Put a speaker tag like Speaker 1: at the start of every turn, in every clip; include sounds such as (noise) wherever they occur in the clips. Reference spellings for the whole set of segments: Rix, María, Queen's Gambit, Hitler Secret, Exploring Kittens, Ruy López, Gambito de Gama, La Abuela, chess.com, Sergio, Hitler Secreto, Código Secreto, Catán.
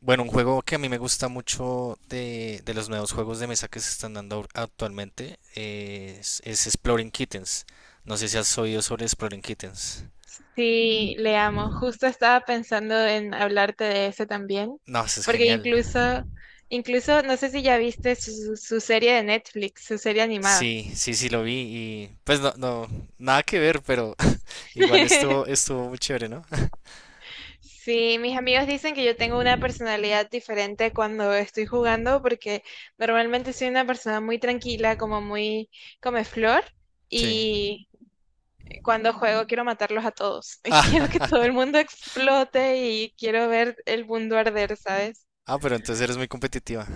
Speaker 1: Bueno, un juego que a mí me gusta mucho de los nuevos juegos de mesa que se están dando actualmente, es Exploring Kittens. No sé si has oído sobre Exploring Kittens.
Speaker 2: Sí, le amo. Justo estaba pensando en hablarte de eso también,
Speaker 1: No, eso es
Speaker 2: porque
Speaker 1: genial.
Speaker 2: incluso, no sé si ya viste serie de Netflix, su serie animada.
Speaker 1: Sí, sí, sí lo vi y pues nada que ver, pero (laughs) igual
Speaker 2: (laughs)
Speaker 1: estuvo muy chévere, ¿no? (laughs)
Speaker 2: Sí, mis amigos dicen que yo tengo una personalidad diferente cuando estoy jugando, porque normalmente soy una persona muy tranquila, como muy comeflor,
Speaker 1: Sí.
Speaker 2: y cuando juego quiero matarlos a todos, (laughs) y quiero que
Speaker 1: Ah,
Speaker 2: todo el mundo explote y quiero ver el mundo arder, ¿sabes?
Speaker 1: (laughs) ah, pero entonces eres muy competitiva.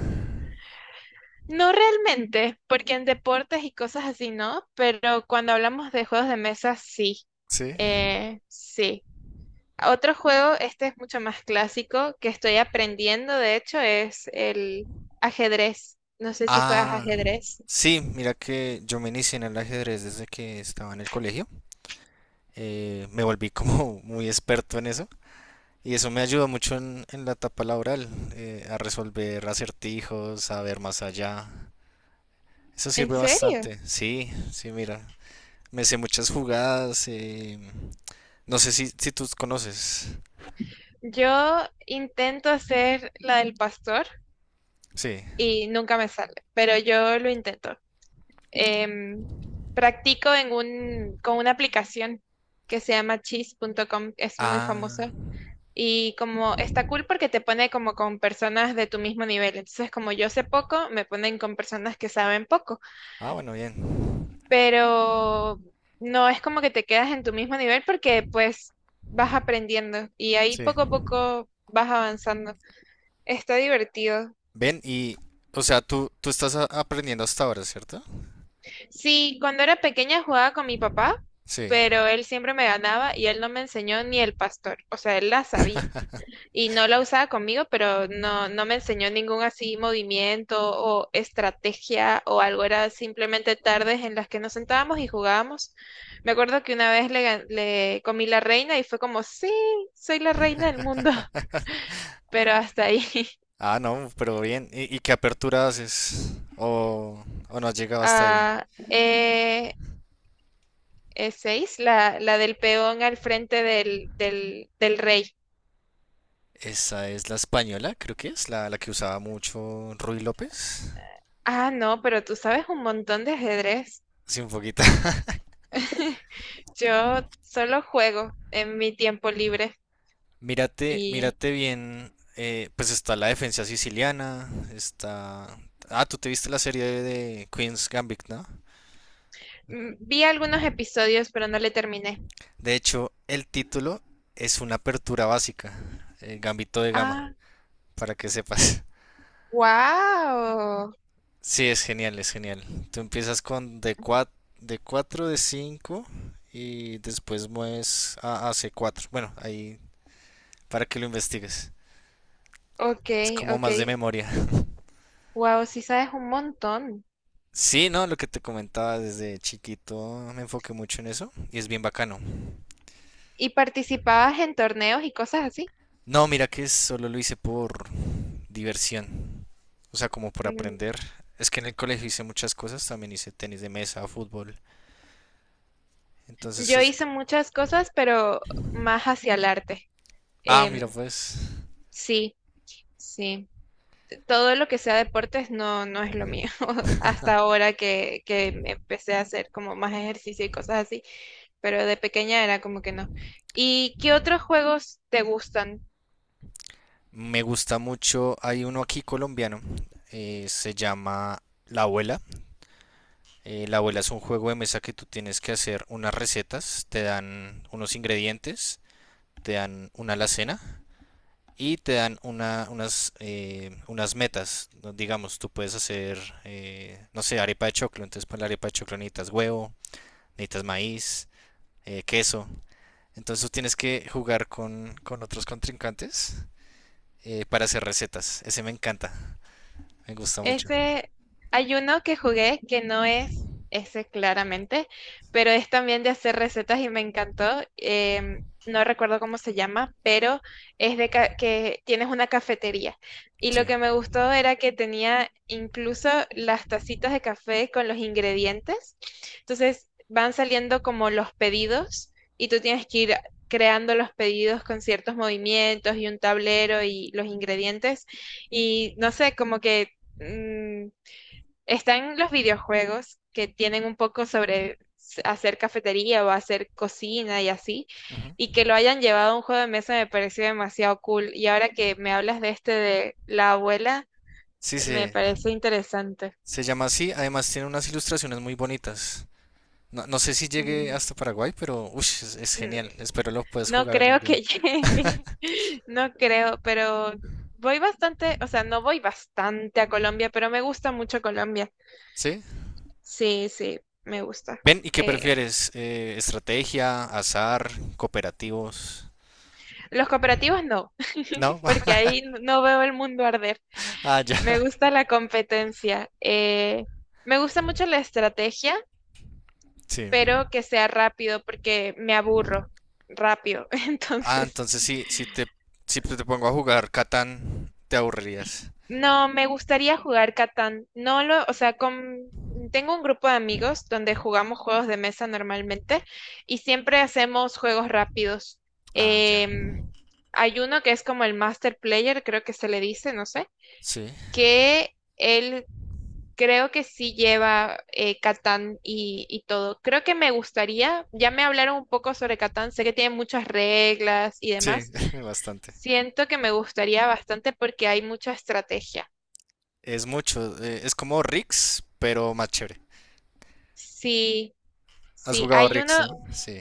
Speaker 2: No realmente, porque en deportes y cosas así no, pero cuando hablamos de juegos de mesa, sí.
Speaker 1: Sí.
Speaker 2: Sí. Otro juego, este es mucho más clásico, que estoy aprendiendo, de hecho, es el ajedrez. No sé si juegas
Speaker 1: Ah,
Speaker 2: ajedrez.
Speaker 1: sí, mira que yo me inicié en el ajedrez desde que estaba en el colegio. Me volví como (laughs) muy experto en eso. Y eso me ayudó mucho en la etapa laboral, a resolver acertijos, a ver más allá. Eso
Speaker 2: ¿En
Speaker 1: sirve
Speaker 2: serio?
Speaker 1: bastante. Sí, sí, mira. Me sé muchas jugadas. No sé si tú conoces.
Speaker 2: Yo intento hacer la del pastor
Speaker 1: Sí.
Speaker 2: y nunca me sale, pero yo lo intento. Em, practico con una aplicación que se llama chess.com, es muy
Speaker 1: Ah.
Speaker 2: famosa. Y como está cool porque te pone como con personas de tu mismo nivel. Entonces, como yo sé poco, me ponen con personas que saben poco.
Speaker 1: Ah, bueno, bien.
Speaker 2: Pero no es como que te quedas en tu mismo nivel, porque pues vas aprendiendo y ahí
Speaker 1: Sí.
Speaker 2: poco a poco vas avanzando. Está divertido.
Speaker 1: Ven y, o sea, tú estás aprendiendo hasta ahora, ¿cierto?
Speaker 2: Sí, cuando era pequeña jugaba con mi papá,
Speaker 1: Sí.
Speaker 2: pero él siempre me ganaba y él no me enseñó ni el pastor. O sea, él la sabía, y no la usaba conmigo, pero no me enseñó ningún así movimiento o estrategia o algo; era simplemente tardes en las que nos sentábamos y jugábamos. Me acuerdo que una vez le comí la reina y fue como, sí, soy la reina del mundo,
Speaker 1: (laughs)
Speaker 2: (laughs) pero hasta ahí. (laughs)
Speaker 1: Ah, no, pero bien. Y qué apertura haces? ¿O, o no has llegado hasta ahí?
Speaker 2: Ah, seis, la del peón al frente del rey.
Speaker 1: Esa es la española, creo que es, la que usaba mucho Ruy López.
Speaker 2: Ah, no, pero tú sabes un montón de ajedrez.
Speaker 1: Sí, un poquito. (laughs)
Speaker 2: (laughs) Yo solo juego en mi tiempo libre.
Speaker 1: Mírate,
Speaker 2: Y
Speaker 1: mírate bien. Pues está la defensa siciliana, está... Ah, tú te viste la serie de Queen's Gambit, ¿no?
Speaker 2: vi algunos episodios, pero no le terminé.
Speaker 1: De hecho, el título es una apertura básica, Gambito de Gama,
Speaker 2: Ah,
Speaker 1: para que sepas.
Speaker 2: wow.
Speaker 1: Sí, es genial, es genial. Tú empiezas con D4, D4, D5 y después mueves a C4. Bueno, ahí para que lo investigues.
Speaker 2: Ok,
Speaker 1: Es como
Speaker 2: ok.
Speaker 1: más de memoria. (laughs)
Speaker 2: Wow, sí sabes un montón.
Speaker 1: Sí, no, lo que te comentaba desde chiquito me enfoqué mucho en eso y es bien bacano.
Speaker 2: ¿Y participabas en torneos y cosas así?
Speaker 1: No, mira que solo lo hice por diversión. O sea, como por
Speaker 2: Mm,
Speaker 1: aprender. Es que en el colegio hice muchas cosas, también hice tenis de mesa, fútbol. Entonces
Speaker 2: Yo
Speaker 1: es...
Speaker 2: hice muchas cosas, pero más hacia el arte.
Speaker 1: Ah, mira
Speaker 2: Em,
Speaker 1: pues.
Speaker 2: sí, sí. Todo lo que sea deportes no, no es lo mío. (laughs) Hasta ahora que me empecé a hacer como más ejercicio y cosas así. Pero de pequeña era como que no. ¿Y qué otros juegos te gustan?
Speaker 1: Me gusta mucho, hay uno aquí colombiano, se llama La Abuela. La Abuela es un juego de mesa que tú tienes que hacer unas recetas, te dan unos ingredientes, te dan una alacena y te dan unas metas. ¿No? Digamos, tú puedes hacer, no sé, arepa de choclo. Entonces para la arepa de choclo necesitas huevo, necesitas maíz, queso. Entonces tú tienes que jugar con otros contrincantes, para hacer recetas. Ese me encanta, me gusta mucho.
Speaker 2: Ese, hay uno que jugué que no es ese, claramente, pero es también de hacer recetas y me encantó. No recuerdo cómo se llama, pero es que tienes una cafetería. Y lo
Speaker 1: Sí.
Speaker 2: que me gustó era que tenía incluso las tacitas de café con los ingredientes. Entonces van saliendo como los pedidos y tú tienes que ir creando los pedidos con ciertos movimientos y un tablero y los ingredientes. Y no sé, como que mm, están los videojuegos que tienen un poco sobre hacer cafetería o hacer cocina y así,
Speaker 1: Ujú.
Speaker 2: y que lo hayan llevado a un juego de mesa me pareció demasiado cool. Y ahora que me hablas de este de la abuela,
Speaker 1: Sí,
Speaker 2: me
Speaker 1: sí,
Speaker 2: parece interesante.
Speaker 1: se llama así. Además tiene unas ilustraciones muy bonitas. No, no sé si llegue
Speaker 2: Mm,
Speaker 1: hasta Paraguay, pero ush, es
Speaker 2: mm,
Speaker 1: genial. Espero lo puedas
Speaker 2: No
Speaker 1: jugar algún
Speaker 2: creo
Speaker 1: día.
Speaker 2: que (laughs) llegue,
Speaker 1: (laughs)
Speaker 2: no creo, pero voy bastante, o sea, no voy bastante a Colombia, pero me gusta mucho Colombia.
Speaker 1: ¿Sí?
Speaker 2: Sí, sí, me gusta.
Speaker 1: Ven, ¿y qué
Speaker 2: Eh,
Speaker 1: prefieres? ¿Estrategia, azar, cooperativos?
Speaker 2: Los cooperativos no,
Speaker 1: ¿No?
Speaker 2: (laughs) porque
Speaker 1: (laughs)
Speaker 2: ahí no veo el mundo arder.
Speaker 1: Ah, ya.
Speaker 2: Me gusta la competencia. Me gusta mucho la estrategia,
Speaker 1: Sí.
Speaker 2: pero que sea rápido porque me aburro rápido. (laughs)
Speaker 1: Ah,
Speaker 2: Entonces,
Speaker 1: entonces sí, si te pongo a jugar Catán, te aburrirías.
Speaker 2: no, me gustaría jugar Catán. No lo, o sea, tengo un grupo de amigos donde jugamos juegos de mesa normalmente y siempre hacemos juegos rápidos.
Speaker 1: Ah, ya.
Speaker 2: Em, hay uno que es como el Master Player, creo que se le dice, no sé.
Speaker 1: Sí.
Speaker 2: Que él Creo que sí lleva, Catán y todo. Creo que me gustaría; ya me hablaron un poco sobre Catán, sé que tiene muchas reglas y
Speaker 1: Sí,
Speaker 2: demás.
Speaker 1: (laughs) bastante.
Speaker 2: Siento que me gustaría bastante porque hay mucha estrategia.
Speaker 1: Es mucho. Es como Rix, pero más chévere.
Speaker 2: Sí,
Speaker 1: Has
Speaker 2: sí,
Speaker 1: jugado
Speaker 2: hay uno,
Speaker 1: Rix, ¿no? Sí.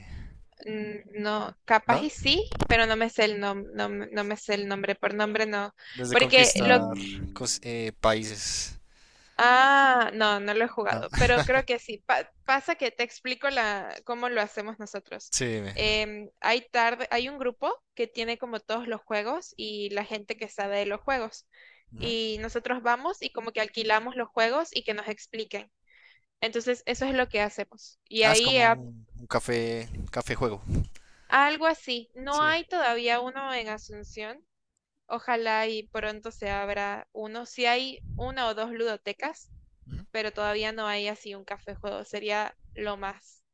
Speaker 2: no, capaz
Speaker 1: ¿No?
Speaker 2: y sí, pero no me sé el nom- no, me no me sé el nombre, por nombre no.
Speaker 1: Desde
Speaker 2: Porque lo
Speaker 1: conquistar países.
Speaker 2: Ah, no, no lo he
Speaker 1: ¿No?
Speaker 2: jugado,
Speaker 1: (laughs)
Speaker 2: pero creo que sí. Pasa que te explico cómo lo hacemos nosotros.
Speaker 1: Sí, dime.
Speaker 2: Hay un grupo que tiene como todos los juegos y la gente que sabe de los juegos.
Speaker 1: Ujú.
Speaker 2: Y nosotros vamos y como que alquilamos los juegos y que nos expliquen. Entonces, eso es lo que hacemos. Y
Speaker 1: Ah, es
Speaker 2: ahí
Speaker 1: como un café, café juego.
Speaker 2: algo así. No
Speaker 1: Sí.
Speaker 2: hay todavía uno en Asunción. Ojalá y pronto se abra uno. Si hay una o dos ludotecas,
Speaker 1: Ujú.
Speaker 2: pero todavía no hay así un café juego; sería lo más.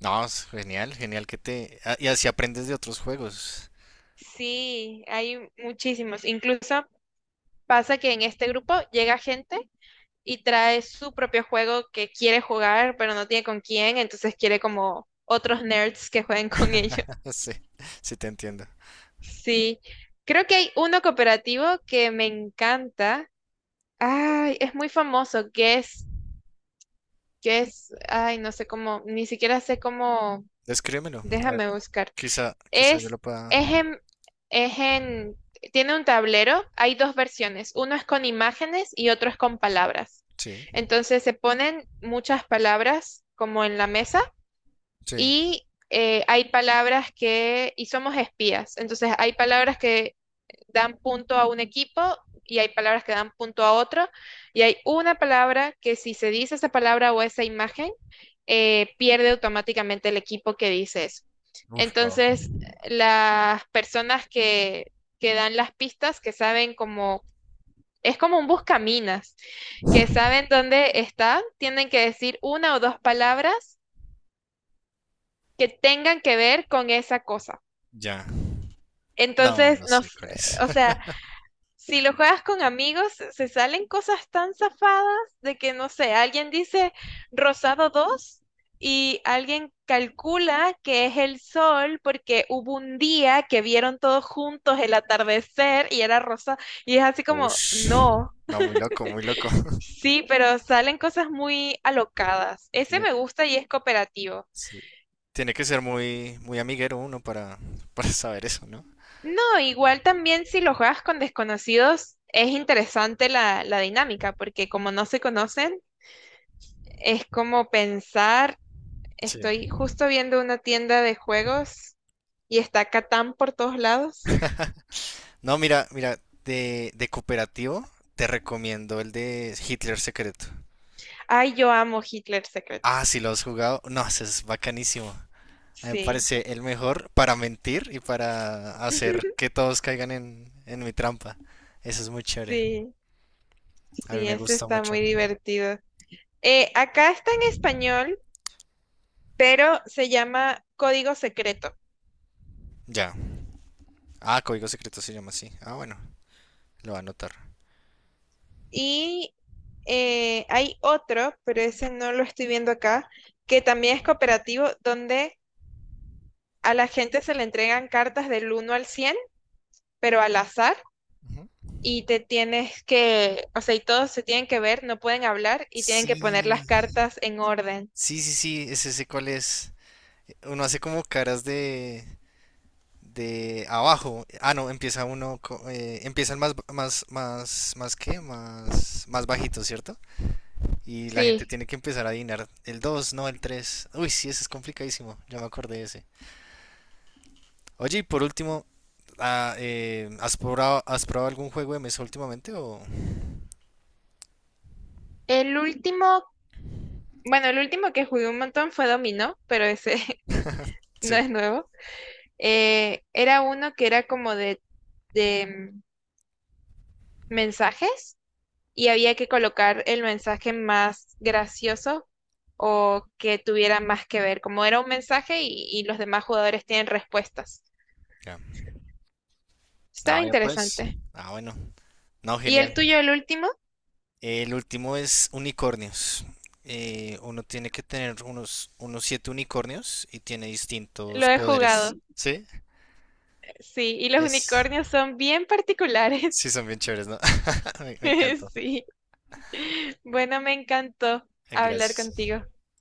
Speaker 1: No, es genial, genial que te... ah, y así aprendes de otros juegos.
Speaker 2: Sí, hay muchísimos. Incluso pasa que en este grupo llega gente y trae su propio juego que quiere jugar, pero no tiene con quién, entonces quiere como otros nerds que jueguen (laughs) con ellos.
Speaker 1: (laughs) Sí, sí te entiendo.
Speaker 2: Sí, creo que hay uno cooperativo que me encanta. Ay, es muy famoso, que es, ay, no sé cómo, ni siquiera sé cómo,
Speaker 1: Descríbemelo. A ver,
Speaker 2: déjame buscar.
Speaker 1: quizá, quizá yo lo
Speaker 2: Es,
Speaker 1: pueda...
Speaker 2: es en, es en, tiene un tablero, hay dos versiones: uno es con imágenes y otro es con palabras.
Speaker 1: Sí,
Speaker 2: Entonces se ponen muchas palabras como en la mesa
Speaker 1: sí.
Speaker 2: y hay palabras y somos espías, entonces hay palabras que dan punto a un equipo y hay palabras que dan punto a otro, y hay una palabra que, si se dice esa palabra o esa imagen, pierde automáticamente el equipo que dice eso.
Speaker 1: Ush. Wow.
Speaker 2: Entonces, las personas que dan las pistas, que saben cómo, es como un buscaminas, que saben
Speaker 1: (laughs)
Speaker 2: dónde está, tienen que decir una o dos palabras que tengan que ver con esa cosa.
Speaker 1: Ya. No,
Speaker 2: Entonces,
Speaker 1: no sé cuál es.
Speaker 2: o
Speaker 1: (laughs)
Speaker 2: sea, si lo juegas con amigos, se salen cosas tan zafadas, de que, no sé, alguien dice rosado 2 y alguien calcula que es el sol porque hubo un día que vieron todos juntos el atardecer y era rosa. Y es así como,
Speaker 1: Ush.
Speaker 2: no,
Speaker 1: No, muy loco, muy loco. (laughs)
Speaker 2: sí, pero salen cosas muy alocadas. Ese me gusta y es cooperativo.
Speaker 1: Sí, tiene que ser muy, muy amiguero uno para, (laughs) para saber eso, ¿no?
Speaker 2: No, igual también si lo juegas con desconocidos, es interesante la dinámica, porque como no se conocen. Es como pensar,
Speaker 1: Sí.
Speaker 2: estoy justo viendo una tienda de juegos y está Catán por todos lados.
Speaker 1: No, mira, mira, de cooperativo te recomiendo el de Hitler Secreto.
Speaker 2: Ay, yo amo Hitler Secret.
Speaker 1: Ah, si lo has jugado, no, ese es bacanísimo. A mí me
Speaker 2: Sí,
Speaker 1: parece el mejor para mentir y para hacer
Speaker 2: (laughs)
Speaker 1: que todos caigan en mi trampa. Eso es muy chévere.
Speaker 2: sí,
Speaker 1: A mí
Speaker 2: sí,
Speaker 1: me
Speaker 2: ese
Speaker 1: gusta
Speaker 2: está
Speaker 1: mucho.
Speaker 2: muy divertido. Acá está en español, pero se llama Código Secreto.
Speaker 1: Ya. Ah, Código Secreto se llama así. Ah, bueno, lo va a anotar.
Speaker 2: Y hay otro, pero ese no lo estoy viendo acá, que también es cooperativo, donde a la gente se le entregan cartas del uno al 100, pero al azar,
Speaker 1: Ujú.
Speaker 2: y o sea, y todos se tienen que ver, no pueden hablar y tienen que poner las
Speaker 1: Sí.
Speaker 2: cartas en orden.
Speaker 1: Sí, sí, sí, ese sé cuál es. Uno hace como caras de abajo. Ah, no, empieza uno, empiezan más, más, más, más qué, más, más bajito, ¿cierto? Y la gente
Speaker 2: Sí,
Speaker 1: tiene que empezar a adivinar el 2, no el 3. Uy, sí, ese es complicadísimo, ya me acordé de ese. Oye, y por último, ah, has probado algún juego de mesa últimamente o...?
Speaker 2: el último, bueno, el último que jugué un montón fue dominó, pero ese (laughs) no
Speaker 1: Sí,
Speaker 2: es nuevo. Era uno que era como de mensajes, y había que colocar el mensaje más gracioso o que tuviera más que ver, como era un mensaje y los demás jugadores tienen respuestas.
Speaker 1: ya.
Speaker 2: Estaba
Speaker 1: Ah, ya pues.
Speaker 2: interesante.
Speaker 1: Ah, bueno. No,
Speaker 2: ¿Y el
Speaker 1: genial.
Speaker 2: tuyo, el último?
Speaker 1: El último es unicornios. Uno tiene que tener unos siete unicornios y tiene
Speaker 2: Lo
Speaker 1: distintos
Speaker 2: he
Speaker 1: poderes.
Speaker 2: jugado.
Speaker 1: ¿Sí?
Speaker 2: Sí, y los
Speaker 1: Es...
Speaker 2: unicornios son bien particulares.
Speaker 1: Sí, son bien chéveres, ¿no? (laughs) Me encantó.
Speaker 2: (laughs) Sí. Bueno, me encantó hablar
Speaker 1: Gracias.
Speaker 2: contigo.